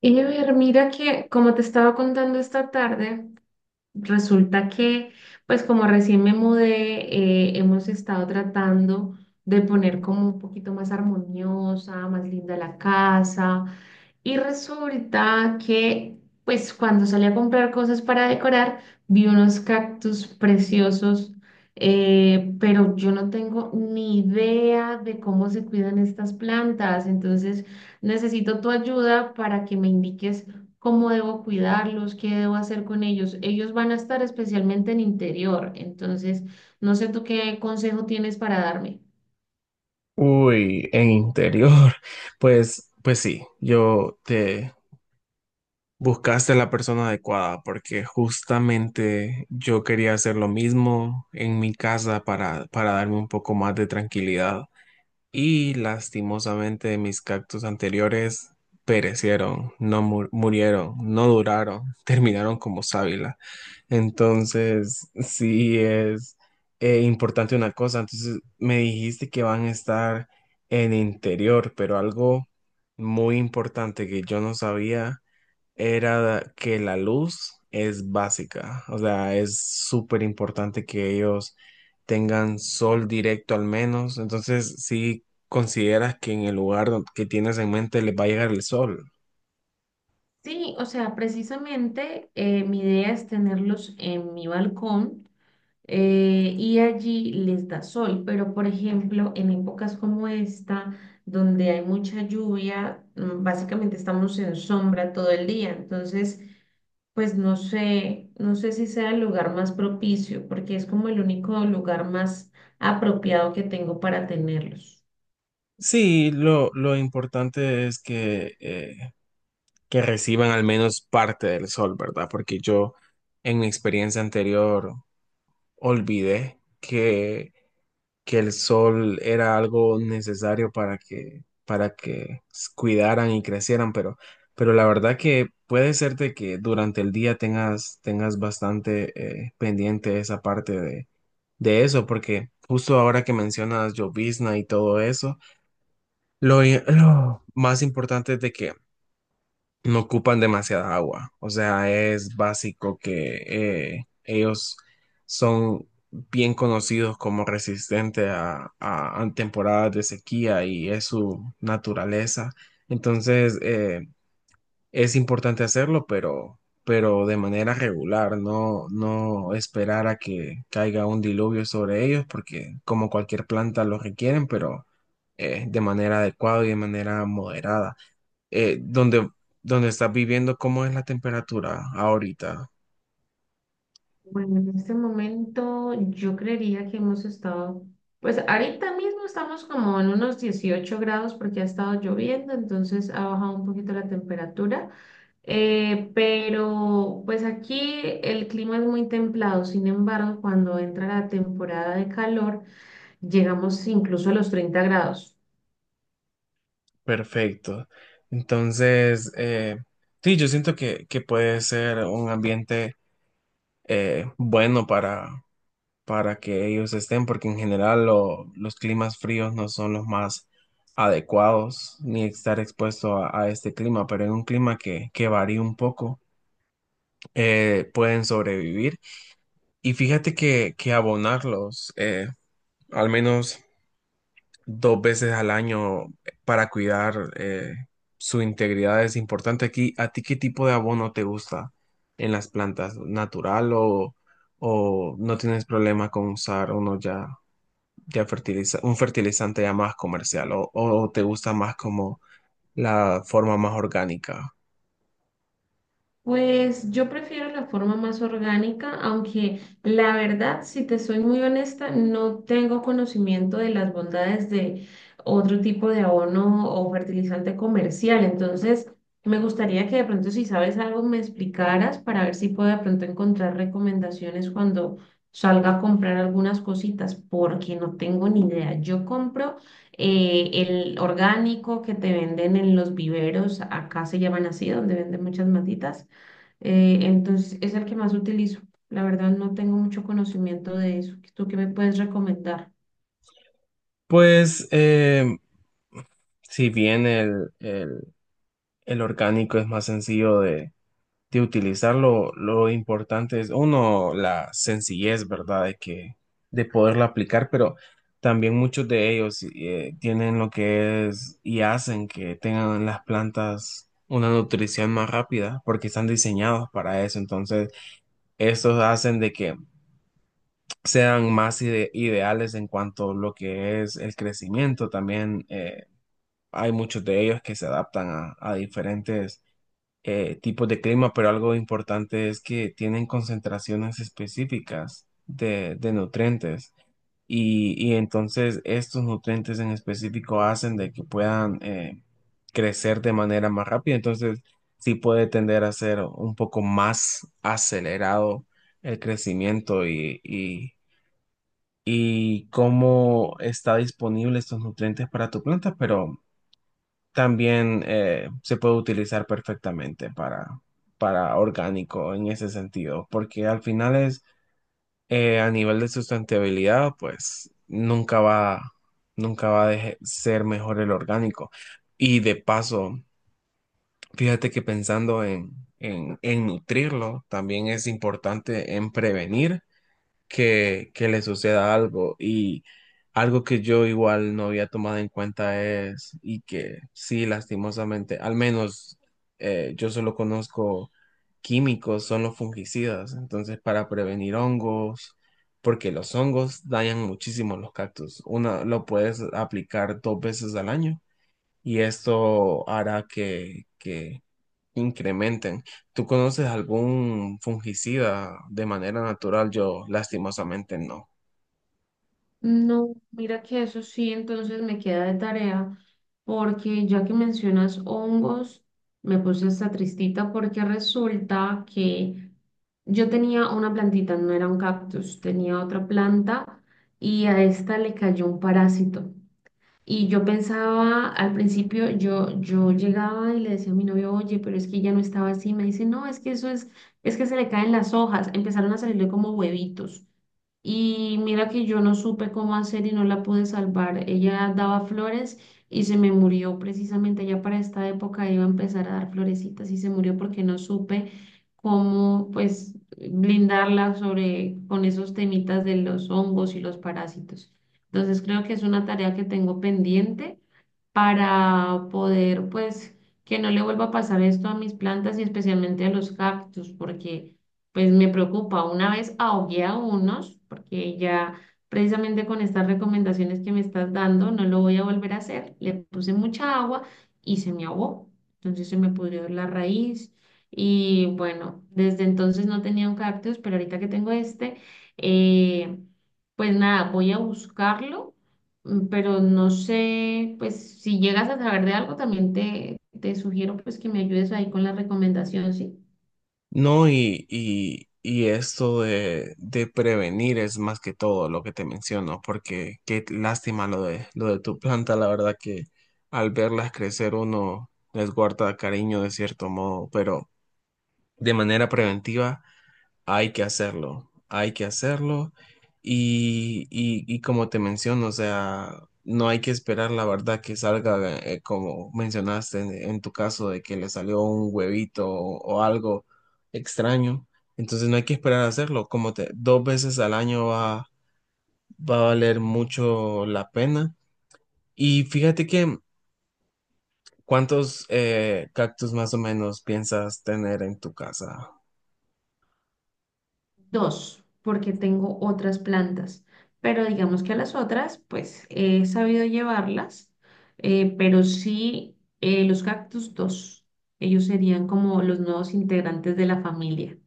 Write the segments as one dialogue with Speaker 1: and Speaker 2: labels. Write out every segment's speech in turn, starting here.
Speaker 1: Ever, mira que como te estaba contando esta tarde, resulta que pues como recién me mudé, hemos estado tratando de poner como un poquito más armoniosa, más linda la casa. Y resulta que pues cuando salí a comprar cosas para decorar, vi unos cactus preciosos, pero yo no tengo ni idea de cómo se cuidan estas plantas. Entonces necesito tu ayuda para que me indiques cómo debo cuidarlos, qué debo hacer con ellos. Ellos van a estar especialmente en interior. Entonces, no sé tú qué consejo tienes para darme.
Speaker 2: Uy, en interior. Pues sí, yo te buscaste la persona adecuada porque justamente yo quería hacer lo mismo en mi casa para darme un poco más de tranquilidad. Y lastimosamente mis cactus anteriores perecieron, murieron, no duraron, terminaron como sábila. Entonces, sí es importante una cosa. Entonces, me dijiste que van a estar en interior, pero algo muy importante que yo no sabía era que la luz es básica, o sea, es súper importante que ellos tengan sol directo al menos. Entonces, si consideras que en el lugar que tienes en mente les va a llegar el sol.
Speaker 1: Sí, o sea, precisamente mi idea es tenerlos en mi balcón, y allí les da sol, pero por ejemplo, en épocas como esta, donde hay mucha lluvia, básicamente estamos en sombra todo el día. Entonces pues no sé, no sé si sea el lugar más propicio, porque es como el único lugar más apropiado que tengo para tenerlos.
Speaker 2: Sí, lo importante es que reciban al menos parte del sol, ¿verdad? Porque yo en mi experiencia anterior olvidé que el sol era algo necesario para que cuidaran y crecieran, pero la verdad que puede ser de que durante el día tengas bastante pendiente esa parte de eso, porque justo ahora que mencionas llovizna y todo eso, lo más importante es de que no ocupan demasiada agua. O sea, es básico que ellos son bien conocidos como resistentes a temporadas de sequía y es su naturaleza. Entonces, eh, es importante hacerlo, pero de manera regular, no esperar a que caiga un diluvio sobre ellos, porque como cualquier planta lo requieren, pero de manera adecuada y de manera moderada eh, donde, donde estás viviendo, ¿cómo es la temperatura ahorita?
Speaker 1: Bueno, en este momento yo creería que hemos estado, pues ahorita mismo estamos como en unos 18 grados, porque ha estado lloviendo, entonces ha bajado un poquito la temperatura. Pero pues aquí el clima es muy templado. Sin embargo, cuando entra la temporada de calor, llegamos incluso a los 30 grados.
Speaker 2: Perfecto. Entonces, eh, sí, yo siento que puede ser un ambiente bueno para que ellos estén, porque en general los climas fríos no son los más adecuados ni estar expuesto a este clima, pero en un clima que varía un poco, pueden sobrevivir. Y fíjate que abonarlos, al menos dos veces al año para cuidar su integridad es importante. Aquí, ¿a ti qué tipo de abono te gusta en las plantas? ¿Natural o no tienes problema con usar uno ya fertiliza, un fertilizante ya más comercial o te gusta más como la forma más orgánica?
Speaker 1: Pues yo prefiero la forma más orgánica, aunque la verdad, si te soy muy honesta, no tengo conocimiento de las bondades de otro tipo de abono o fertilizante comercial. Entonces, me gustaría que de pronto, si sabes algo, me explicaras para ver si puedo de pronto encontrar recomendaciones cuando salga a comprar algunas cositas, porque no tengo ni idea. Yo compro el orgánico que te venden en los viveros, acá se llaman así, donde venden muchas matitas. Entonces es el que más utilizo. La verdad no tengo mucho conocimiento de eso. ¿Tú qué me puedes recomendar?
Speaker 2: Pues si bien el orgánico es más sencillo de utilizarlo, lo importante es, uno, la sencillez, ¿verdad? De poderlo aplicar, pero también muchos de ellos tienen lo que es y hacen que tengan las plantas una nutrición más rápida porque están diseñados para eso. Entonces, estos hacen de que sean más ideales en cuanto a lo que es el crecimiento también. Hay muchos de ellos que se adaptan a diferentes tipos de clima, pero algo importante es que tienen concentraciones específicas de nutrientes y entonces estos nutrientes en específico hacen de que puedan crecer de manera más rápida, entonces sí puede tender a ser un poco más acelerado el crecimiento y cómo está disponible estos nutrientes para tu planta, pero también se puede utilizar perfectamente para orgánico en ese sentido, porque al final es a nivel de sustentabilidad, pues nunca va a ser mejor el orgánico. Y de paso, fíjate que pensando en nutrirlo, también es importante en prevenir que le suceda algo. Y algo que yo igual no había tomado en cuenta es, y que sí, lastimosamente, al menos yo solo conozco químicos, son los fungicidas. Entonces, para prevenir hongos, porque los hongos dañan muchísimo los cactus. Una lo puedes aplicar dos veces al año y esto hará que incrementen. ¿Tú conoces algún fungicida de manera natural? Yo lastimosamente no.
Speaker 1: No, mira que eso sí, entonces me queda de tarea, porque ya que mencionas hongos, me puse esta tristita, porque resulta que yo tenía una plantita, no era un cactus, tenía otra planta y a esta le cayó un parásito. Y yo pensaba, al principio, yo llegaba y le decía a mi novio: oye, pero es que ya no estaba así. Me dice: no, es que eso es que se le caen las hojas. Empezaron a salirle como huevitos. Y mira que yo no supe cómo hacer y no la pude salvar. Ella daba flores y se me murió. Precisamente ya para esta época iba a empezar a dar florecitas y se murió, porque no supe cómo, pues, blindarla sobre, con esos temitas de los hongos y los parásitos. Entonces creo que es una tarea que tengo pendiente para poder, pues, que no le vuelva a pasar esto a mis plantas, y especialmente a los cactus, porque pues me preocupa. Una vez ahogué a unos, porque ya, precisamente con estas recomendaciones que me estás dando, no lo voy a volver a hacer. Le puse mucha agua y se me ahogó. Entonces se me pudrió la raíz. Y bueno, desde entonces no tenía un cactus, pero ahorita que tengo este, eh, pues nada, voy a buscarlo. Pero no sé, pues si llegas a saber de algo, también te sugiero pues que me ayudes ahí con la recomendación, ¿sí?
Speaker 2: No, y esto de prevenir es más que todo lo que te menciono, porque qué lástima lo lo de tu planta, la verdad que al verlas crecer uno les guarda cariño de cierto modo, pero de manera preventiva. Hay que hacerlo, hay que hacerlo. Y como te menciono, o sea, no hay que esperar la verdad que salga, como mencionaste en tu caso, de que le salió un huevito o algo extraño. Entonces no hay que esperar a hacerlo. Como te, dos veces al año va a valer mucho la pena. Y fíjate que, ¿cuántos cactus más o menos piensas tener en tu casa?
Speaker 1: Dos, porque tengo otras plantas, pero digamos que a las otras, pues he sabido llevarlas. Pero sí, los cactus dos, ellos serían como los nuevos integrantes de la familia.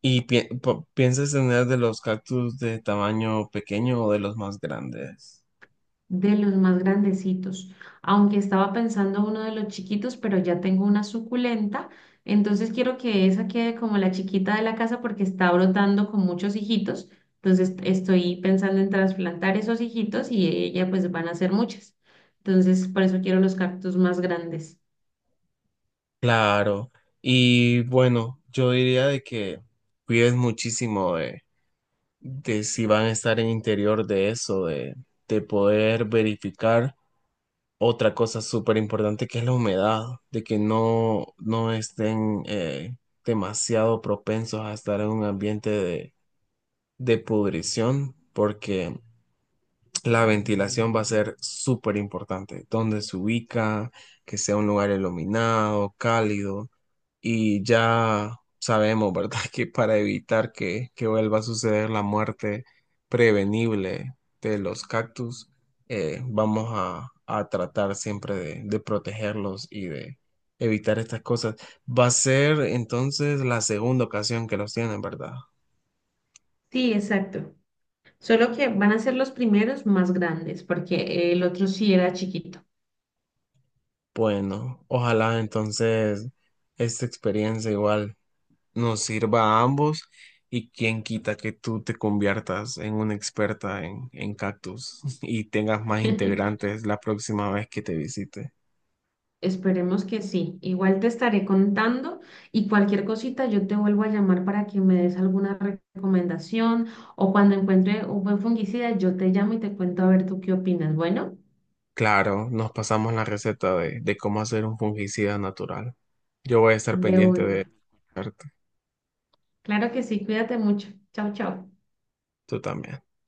Speaker 2: ¿Y piensas tener de los cactus de tamaño pequeño o de los más grandes?
Speaker 1: De los más grandecitos, aunque estaba pensando uno de los chiquitos, pero ya tengo una suculenta, entonces quiero que esa quede como la chiquita de la casa, porque está brotando con muchos hijitos. Entonces estoy pensando en trasplantar esos hijitos y ella, pues van a ser muchas, entonces por eso quiero los cactus más grandes.
Speaker 2: Claro. Y bueno, yo diría de que cuides muchísimo de si van a estar en interior de eso, de poder verificar otra cosa súper importante que es la humedad, de que no estén demasiado propensos a estar en un ambiente de pudrición, porque la ventilación va a ser súper importante. Dónde se ubica, que sea un lugar iluminado, cálido. Y ya sabemos, ¿verdad? Que para evitar que vuelva a suceder la muerte prevenible de los cactus, vamos a tratar siempre de protegerlos y de evitar estas cosas. Va a ser entonces la segunda ocasión que los tienen, ¿verdad?
Speaker 1: Sí, exacto, solo que van a ser los primeros más grandes, porque el otro sí era chiquito.
Speaker 2: Bueno, ojalá entonces esta experiencia igual nos sirva a ambos y quién quita que tú te conviertas en una experta en cactus y tengas más integrantes la próxima vez que te visite.
Speaker 1: Esperemos que sí. Igual te estaré contando, y cualquier cosita yo te vuelvo a llamar para que me des alguna recomendación, o cuando encuentre un buen fungicida yo te llamo y te cuento a ver tú qué opinas. Bueno,
Speaker 2: Claro, nos pasamos la receta de cómo hacer un fungicida natural. Yo voy a estar
Speaker 1: de
Speaker 2: pendiente de
Speaker 1: una.
Speaker 2: arte.
Speaker 1: Claro que sí, cuídate mucho. Chao, chao.
Speaker 2: Tú también.